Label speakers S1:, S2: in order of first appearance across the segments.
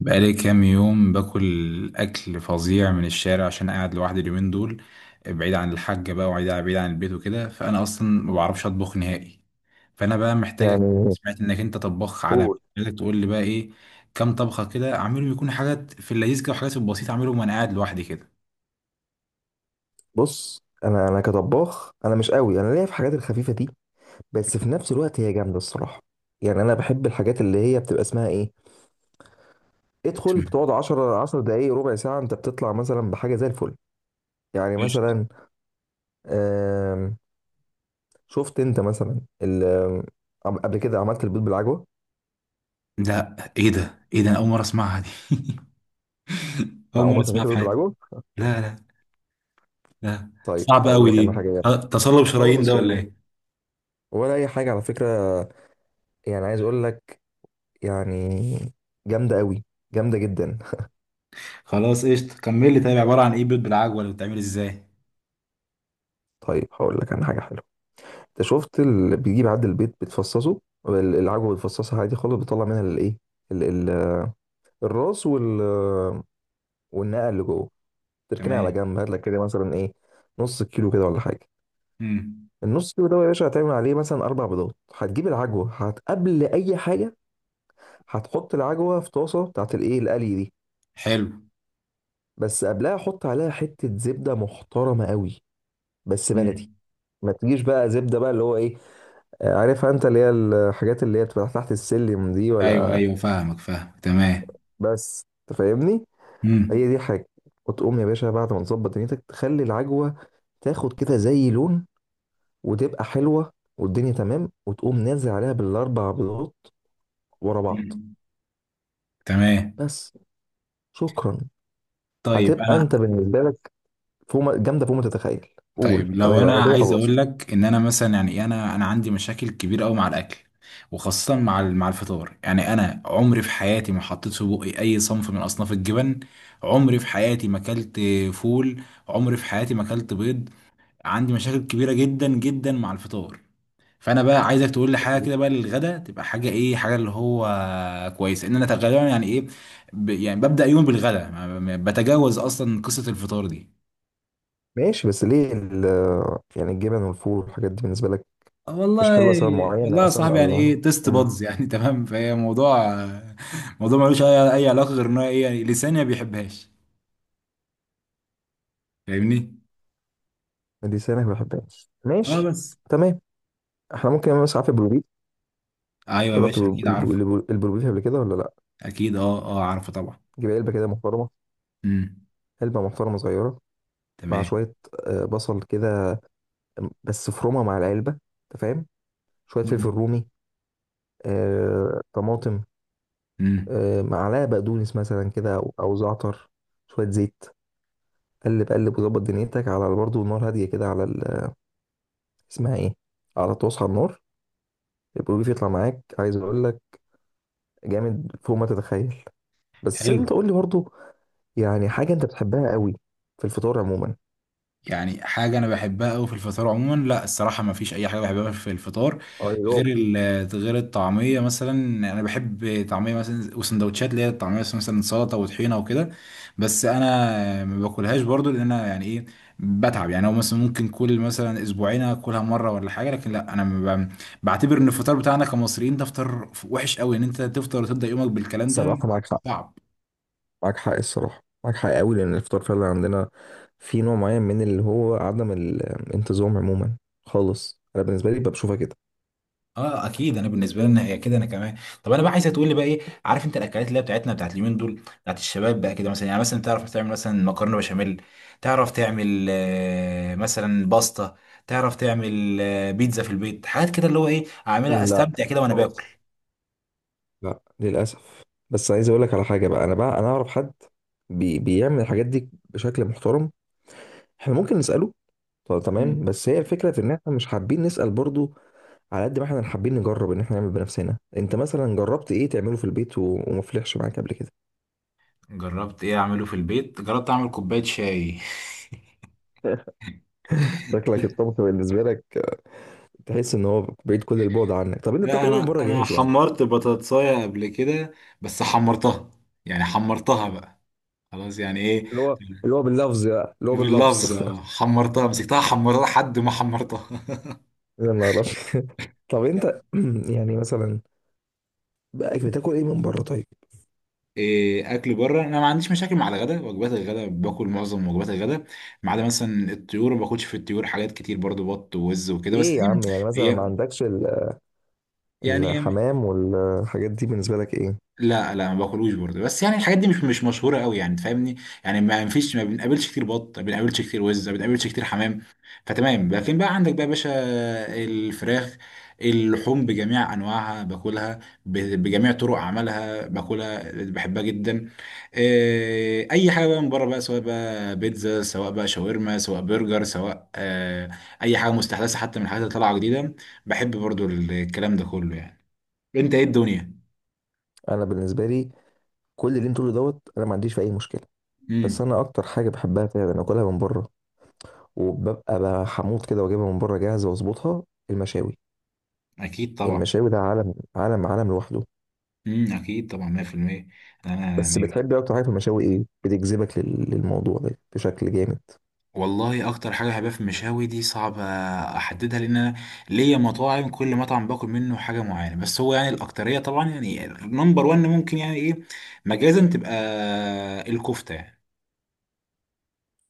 S1: بقالي كام يوم باكل أكل فظيع من الشارع، عشان قاعد لوحدي اليومين دول، بعيد عن الحاجة بقى، وبعيد بعيد عن البيت وكده. فأنا أصلا ما بعرفش أطبخ نهائي، فأنا بقى محتاجك.
S2: يعني
S1: سمعت إنك أنت طباخ عالمي،
S2: قول.
S1: محتاجك تقول لي بقى إيه. كام طبخة كده أعملهم، يكون حاجات في اللذيذ كده وحاجات في البسيط، أعملهم وأنا قاعد لوحدي كده.
S2: بص، انا كطباخ انا مش قوي، انا ليا في الحاجات الخفيفه دي. بس في نفس الوقت هي جامده الصراحه. يعني انا بحب الحاجات اللي هي بتبقى اسمها ايه، ادخل
S1: اسمع.
S2: بتقعد 10 10 دقائق ربع ساعه انت بتطلع مثلا بحاجه زي الفل. يعني
S1: إيش؟
S2: مثلا، آم، شفت انت مثلا قبل كده عملت البيض بالعجوه.
S1: ده إيه، ده إيه، ده أنا أول مرة أسمعها دي
S2: مع
S1: أول مرة
S2: عمرك ما
S1: أسمعها
S2: اكلت
S1: في
S2: البيض
S1: حياتي.
S2: بالعجوه؟
S1: لا لا. لا.
S2: طيب
S1: صعب
S2: هقول
S1: أوي
S2: لك انا
S1: دي.
S2: حاجه جامده
S1: تصلب شرايين ده
S2: خالص
S1: ولا
S2: والله،
S1: إيه؟
S2: ولا اي حاجه على فكره. يعني عايز اقول لك، يعني، جامده قوي، جامده جدا.
S1: خلاص، قشطة، كمل لي طيب، عبارة عن ايه بيض بالعجوة؟ اللي بتتعمل ازاي؟
S2: طيب هقول لك انا حاجه حلوه. انت شفت اللي بيجيب عند البيت بتفصصه، العجوه بتفصصها عادي خالص، بتطلع منها الايه، ال- ال- الراس وال، والنقع اللي جوه، تركنها على
S1: تمام.
S2: جنب. هات لك كده مثلا ايه، نص كيلو كده ولا حاجه.
S1: امم.
S2: النص كيلو ده يا باشا هتعمل عليه مثلا اربع بيضات. هتجيب العجوه هت قبل اي حاجه، هتحط العجوه في طاسه بتاعت الايه القلي دي.
S1: حلو.
S2: بس قبلها حط عليها حته زبده محترمه قوي، بس بلدي.
S1: امم.
S2: ما تجيش بقى زبده بقى اللي هو ايه، عارفها انت، اللي هي الحاجات اللي هي بتبقى تحت السلم دي
S1: ايوه
S2: ولا.
S1: ايوه، فاهمك فاهمك، تمام.
S2: بس تفهمني، هي
S1: امم.
S2: دي الحاجه. وتقوم يا باشا بعد ما تظبط دنيتك تخلي العجوه تاخد كده زي لون، وتبقى حلوه والدنيا تمام، وتقوم نازل عليها بالاربع بيضات ورا بعض.
S1: تمام.
S2: بس. شكرا.
S1: طيب
S2: هتبقى
S1: انا.
S2: انت بالنسبه لك فوق ما- جامده فوق ما تتخيل.
S1: طيب
S2: قول
S1: لو
S2: انا
S1: انا
S2: انا كده
S1: عايز
S2: خلاص.
S1: اقول لك ان انا مثلا يعني إيه، انا عندي مشاكل كبيره قوي مع الاكل، وخاصه مع مع الفطار. يعني انا عمري في حياتي ما حطيت في بقي اي صنف من اصناف الجبن. عمري في حياتي ما اكلت فول. عمري في حياتي ما اكلت بيض. عندي مشاكل كبيره جدا جدا مع الفطار. فانا بقى عايزك تقول لي حاجه كده بقى للغدا، تبقى حاجه ايه، حاجه اللي هو كويسه، ان انا غالبا يعني ايه، يعني ببدا يوم بالغدا، بتجاوز اصلا قصه الفطار دي.
S2: ماشي بس ليه يعني الجبن والفول والحاجات دي بالنسبه لك
S1: آه
S2: مش
S1: والله.
S2: حلوه، سبب معين
S1: والله يا
S2: اصلا؟
S1: صاحبي، يعني
S2: الله.
S1: ايه، تيست
S2: امم.
S1: بادز يعني تمام، فهي موضوع، موضوع ملوش اي أي علاقه غير ان هو ايه، يعني لساني ما بيحبهاش، فاهمني.
S2: دي سنه ما بحبهاش،
S1: اه
S2: ماشي.
S1: بس.
S2: تمام. احنا ممكن نعمل مسافه بالبيت.
S1: ايوه يا
S2: جربت
S1: باشا، اكيد عارفه.
S2: البروبيف قبل كده ولا لا؟
S1: اكيد اه اه، عارفه طبعا.
S2: جيب علبه كده محترمه،
S1: امم.
S2: علبه محترمه صغيره. مع
S1: تمام.
S2: شويه بصل كده، بس فرومه مع العلبه انت فاهم. شويه فلفل رومي، طماطم،
S1: امم.
S2: معلقه بقدونس مثلا كده او زعتر، شويه زيت. قلب قلب وظبط دنيتك على برضه النار هاديه كده على اسمها ايه، على طاسه على النار. البروبيف يطلع معاك عايز اقول لك جامد فوق ما تتخيل. بس
S1: حلو.
S2: انت قول لي برضه يعني حاجه انت بتحبها قوي في الفطار عموما.
S1: يعني حاجة أنا بحبها أوي في الفطار عموما، لا الصراحة ما فيش أي حاجة بحبها في الفطار
S2: اه اللي
S1: غير
S2: هو.
S1: غير الطعمية مثلا. أنا بحب طعمية مثلا، وسندوتشات اللي هي الطعمية مثلا سلطة وطحينة وكده، بس أنا ما باكلهاش برضو لأن أنا يعني إيه، بتعب. يعني هو مثلا ممكن كل مثلا أسبوعين أكلها مرة ولا حاجة، لكن لا، أنا ما ب- بعتبر إن الفطار بتاعنا كمصريين ده فطار وحش أوي، إن أنت تفطر وتبدأ يومك بالكلام ده.
S2: صراحة معاك حق،
S1: صعب.
S2: معاك حق الصراحة، معاك حق قوي لأن الإفطار فعلا عندنا في نوع معين من اللي هو عدم الانتظام عموما خالص. أنا بالنسبة لي بشوفها كده.
S1: اه اكيد، انا بالنسبه لنا هي كده، انا كمان. طب انا بقى عايزه تقول لي بقى ايه، عارف انت الاكلات اللي هي بتاعتنا بتاعت اليومين دول بتاعت الشباب بقى كده، مثلا يعني مثلا تعرف تعمل مثلا مكرونه بشاميل؟ تعرف تعمل مثلا باستا؟ تعرف تعمل بيتزا في البيت؟ حاجات كده اللي هو ايه، اعملها
S2: لا
S1: استمتع كده وانا باكل.
S2: خالص. لا للأسف. بس عايز أقول لك على حاجة بقى، أنا بقى أنا أعرف حد بيعمل الحاجات دي بشكل محترم، إحنا ممكن نسأله. طب تمام،
S1: مم.
S2: بس هي الفكرة في إن إحنا مش حابين نسأل برضو، على قد ما إحنا حابين نجرب إن إحنا نعمل بنفسنا. أنت مثلا جربت إيه تعمله في البيت وما فلحش معاك قبل كده؟
S1: جربت ايه اعمله في البيت؟ جربت اعمل كوبايه شاي.
S2: شكلك الطبخ بالنسبة لك تحس ان هو بعيد كل البعد عنك. طب انت
S1: لا
S2: بتاكل ايه من
S1: انا
S2: بره
S1: انا
S2: جاهز يعني؟
S1: حمرت بطاطساية قبل كده، بس حمرتها، يعني حمرتها بقى، خلاص يعني ايه.
S2: اللي هو اللي هو باللفظ بقى، اللي هو باللفظ.
S1: باللفظة، حمرتها، مسكتها، حمرتها لحد ما حمرتها
S2: يا نهار أبيض. طب انت يعني مثلا بقى بتاكل ايه من بره طيب؟
S1: اكل بره انا ما عنديش مشاكل مع الغداء. وجبات الغداء باكل معظم وجبات الغداء، ما عدا مثلا الطيور، ما باكلش في الطيور حاجات كتير برضو، بط ووز وكده، بس
S2: ايه يا
S1: دي
S2: عم، يعني مثلا ما
S1: هي
S2: عندكش
S1: يعني.
S2: الحمام والحاجات دي بالنسبه لك ايه؟
S1: لا لا، ما باكلوش برضه، بس يعني الحاجات دي مش مش مشهوره قوي، يعني تفهمني. يعني ما فيش، ما بنقابلش كتير بط، ما بنقابلش كتير وز، ما بنقابلش كتير حمام. فتمام. لكن بقى عندك بقى يا باشا الفراخ، اللحوم بجميع انواعها باكلها، بجميع طرق عملها باكلها، بحبها جدا. اي حاجه بقى من بره بقى، سواء بقى بيتزا، سواء بقى شاورما، سواء برجر، سواء اي حاجه مستحدثه حتى من الحاجات اللي طالعه جديده، بحب برضو الكلام ده كله يعني. انت ايه الدنيا؟
S2: انا بالنسبه لي كل اللي انت تقوله دوت انا ما عنديش فيه اي مشكله. بس
S1: مم.
S2: انا اكتر حاجه بحبها فعلا اكلها من بره، وببقى حموض كده واجيبها من بره جاهزه واظبطها، المشاوي.
S1: اكيد طبعا.
S2: المشاوي ده عالم عالم عالم لوحده.
S1: اكيد طبعا 100%. انا
S2: بس
S1: يعني.
S2: بتحبي اكتر حاجه في المشاوي ايه بتجذبك للموضوع ده بشكل جامد؟
S1: والله اكتر حاجه بحبها في المشاوي دي صعب احددها، لان انا ليا مطاعم، كل مطعم باكل منه حاجه معينه، بس هو يعني الاكتريه طبعا يعني نمبر 1 ممكن يعني ايه مجازا تبقى الكفته يعني.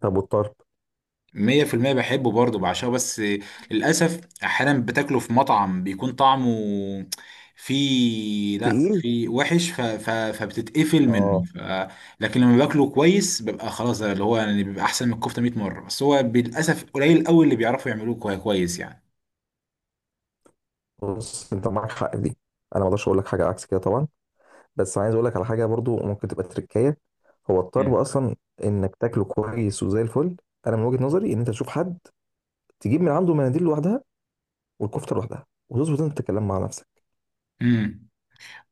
S2: طب والطرب؟
S1: مية في المية بحبه برضه، بعشقه، بس للأسف أحيانا بتاكله في مطعم بيكون طعمه فيه لأ،
S2: تقيل.
S1: فيه وحش، فبتتقفل منه،
S2: اه.
S1: لكن لما باكله كويس ببقى خلاص، ده اللي هو يعني بيبقى أحسن من الكفتة 100 مرة، بس هو للأسف قليل أوي اللي بيعرفوا يعملوه كويس يعني.
S2: بص انت معاك حق في دي، انا ما اقدرش اقول لك حاجه عكس كده طبعا. بس عايز اقول لك على حاجه برضو ممكن تبقى تركايه، هو الطرب
S1: مم.
S2: اصلا انك تاكله كويس وزي الفل. انا من وجهه نظري ان انت تشوف حد تجيب من عنده مناديل لوحدها والكفته لوحدها، وتظبط انت تتكلم مع نفسك.
S1: مم.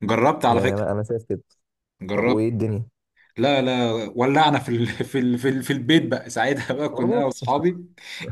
S1: جربت على
S2: يعني
S1: فكرة.
S2: انا انا شايف كده. طب
S1: جربت.
S2: وايه الدنيا؟
S1: لا لا، ولعنا في البيت بقى ساعتها بقى، كنا انا
S2: برضو.
S1: واصحابي،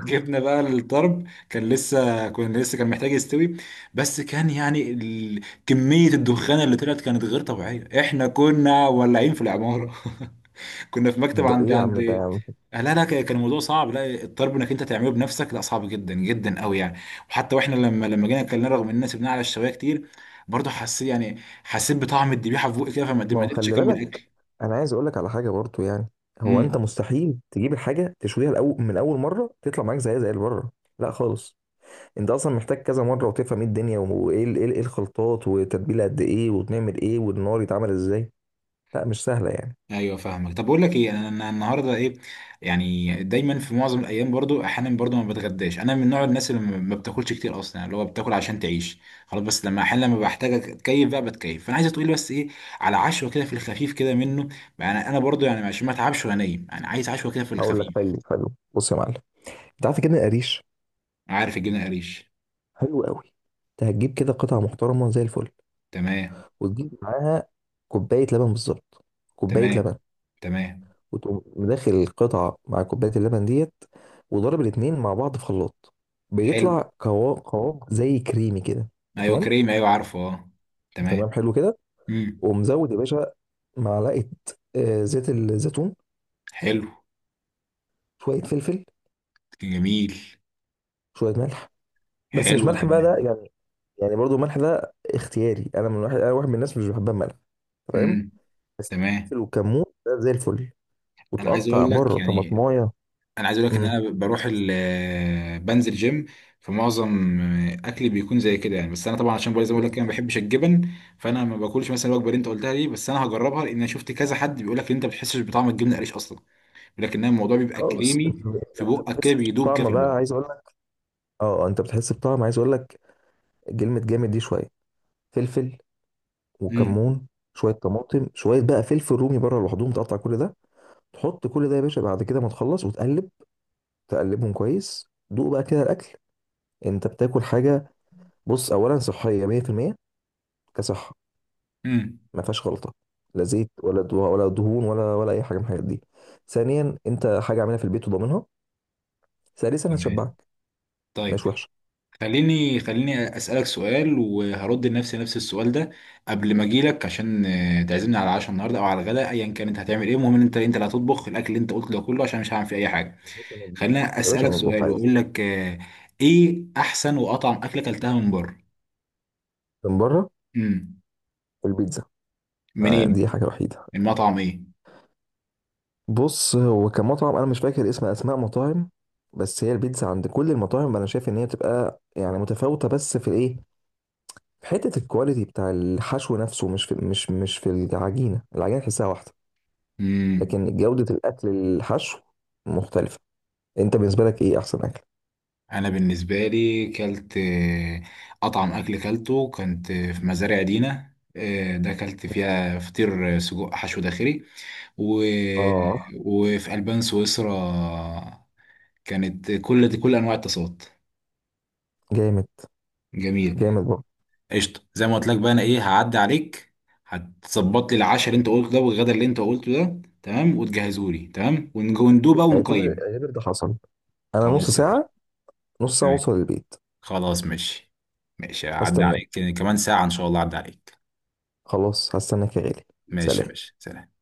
S1: جبنا بقى الطرب، كان لسه كان محتاج يستوي، بس كان يعني كمية الدخان اللي طلعت كانت غير طبيعية، احنا كنا ولعين في العمارة كنا في مكتب
S2: ايه
S1: عند
S2: يا عم،
S1: عند
S2: ده يا عم.
S1: لا لا، كان الموضوع صعب، لا الطرب انك انت تعمله بنفسك، لا صعب جدا جدا قوي يعني. وحتى واحنا لما جينا اكلناه، رغم اننا سبناه على الشوايه كتير، برضه حسيت، يعني حسيت بطعم الذبيحه في بوقي كده، فما
S2: ما
S1: ما
S2: هو
S1: قدرتش
S2: خلي
S1: اكمل
S2: بالك،
S1: اكل.
S2: انا عايز اقول لك على حاجه برضو يعني، هو انت
S1: امم.
S2: مستحيل تجيب الحاجه تشويها الأول من اول مره تطلع معاك زيها زي اللي بره. لا خالص. انت اصلا محتاج كذا مره وتفهم ايه الدنيا وايه ايه إيه الخلطات، وتتبيله قد ايه، وبنعمل ايه، والنار يتعمل ازاي. لا مش سهله يعني.
S1: ايوه فاهمك. طب بقول لك ايه، انا أنا النهارده ايه، يعني دايما في معظم الايام برضو، احيانا برضو ما بتغداش، انا من نوع الناس اللي ما بتاكلش كتير اصلا، يعني اللي هو بتاكل عشان تعيش خلاص. بس لما احيانا لما بحتاج اتكيف بقى بتكيف، فانا عايزه تقولي بس ايه على عشوه كده في الخفيف كده منه، يعني انا برضو يعني عشان ما اتعبش وانا نايم، يعني عايز عشوه كده في
S2: هقول لك
S1: الخفيف.
S2: طيب، حلو، بص يا معلم. انت عارف كده القريش؟
S1: عارف الجبنه قريش.
S2: حلو قوي. انت هتجيب كده قطعه محترمه زي الفل،
S1: تمام.
S2: وتجيب معاها كوبايه لبن بالظبط، كوبايه
S1: تمام.
S2: لبن.
S1: تمام.
S2: وتقوم داخل القطعة مع كوباية اللبن ديت، وضرب الاتنين مع بعض في خلاط.
S1: حلو.
S2: بيطلع قوام قوام زي كريمي كده. انت
S1: ايوه
S2: فاهم؟
S1: كريم ايوه، عارفه اه. تمام.
S2: تمام، حلو كده.
S1: امم.
S2: ومزود يا باشا معلقة زيت الزيتون،
S1: حلو.
S2: شوية فلفل،
S1: جميل.
S2: شوية ملح. بس مش
S1: حلو
S2: ملح بقى ده
S1: تمام.
S2: يعني، يعني برضو الملح ده اختياري، انا من واحد انا واحد من الناس مش بحبها الملح، فاهم؟
S1: امم.
S2: بس
S1: تمام.
S2: الفلفل والكمون ده زي الفل.
S1: انا عايز
S2: وتقطع
S1: اقول
S2: بره
S1: لك يعني،
S2: طماطمايه.
S1: انا عايز اقول لك ان
S2: امم.
S1: انا بروح بنزل جيم، فمعظم اكلي بيكون زي كده يعني، بس انا طبعا عشان بقول زي ما بقول لك أنا ما
S2: بالظبط.
S1: بحبش الجبن، فانا ما باكلش مثلا الوجبه اللي انت قلتها دي، بس انا هجربها، لان انا شفت كذا حد بيقول لك ان انت ما بتحسش بطعم الجبنه القريش اصلا، بيقول لك ان الموضوع بيبقى
S2: خالص انت
S1: كريمي في
S2: أنت
S1: بقك
S2: بتحس
S1: كده، بيدوب كده
S2: بالطعم
S1: في البق.
S2: بقى عايز اقول لك. اه انت بتحس بطعم عايز اقول لك كلمه جامد دي. شويه فلفل
S1: امم.
S2: وكمون، شويه طماطم، شويه بقى فلفل رومي بره لوحدهم، تقطع كل ده. تحط كل ده يا باشا بعد كده ما تخلص وتقلب، تقلبهم كويس، دوق بقى كده الاكل. انت بتاكل حاجه بص، اولا صحيه 100% كصحه،
S1: امم.
S2: ما فيهاش غلطه، لا زيت ولا ولا دهون ولا اي حاجه من الحاجات دي. ثانيا انت حاجه عاملها في البيت وضامنها. ثالثا
S1: تمام.
S2: هتشبعك،
S1: طيب
S2: مش وحشه.
S1: خليني، خليني اسالك سؤال وهرد لنفسي نفس السؤال ده، قبل ما اجيلك عشان تعزمني على العشاء النهارده او على الغداء، ايا كان انت هتعمل ايه، المهم ان انت انت اللي هتطبخ الاكل اللي انت قلته ده كله، عشان مش هعمل فيه اي حاجه.
S2: يا باشا مطبوخ،
S1: خليني
S2: يا باشا
S1: اسالك
S2: مطبوخ
S1: سؤال
S2: عادي.
S1: واقول لك ايه احسن واطعم اكله اكلتها من بره؟
S2: من بره
S1: امم.
S2: البيتزا،
S1: منين؟
S2: دي حاجه وحيده.
S1: المطعم ايه؟
S2: بص هو كمطعم انا مش فاكر اسم اسماء مطاعم، بس هي البيتزا عند كل المطاعم انا شايف ان هي بتبقى يعني متفاوته، بس في الايه، في حته الكواليتي بتاع الحشو نفسه، مش في العجينه، العجينه تحسها واحده.
S1: امم.
S2: لكن جوده الاكل، الحشو، مختلفه. انت بالنسبه لك ايه احسن اكل؟
S1: انا بالنسبه لي كلت اطعم اكل كلته كنت في مزارع دينا ده، كلت فيها فطير سجق حشو داخلي، و...
S2: اه،
S1: وفي البان سويسرا. كانت كل دي كل انواع التصاوت.
S2: جامد،
S1: جميل.
S2: جامد برضه.
S1: قشطه، زي ما قلت لك بقى انا ايه، هعدي عليك، هتظبط لي العشاء اللي انت قلته ده والغدا اللي انت قلته ده، تمام، وتجهزه لي، تمام، وندوب بقى
S2: اعتبر
S1: ونقيم.
S2: اعتبر ده حصل، انا نص
S1: خلاص يا باشا.
S2: ساعه، نص ساعه
S1: تمام.
S2: اوصل البيت.
S1: خلاص ماشي. ماشي هعدي
S2: هستناك،
S1: عليك كمان ساعة إن شاء الله هعدي عليك.
S2: خلاص هستناك يا غالي.
S1: ماشي يا
S2: سلام.
S1: باشا، سلام.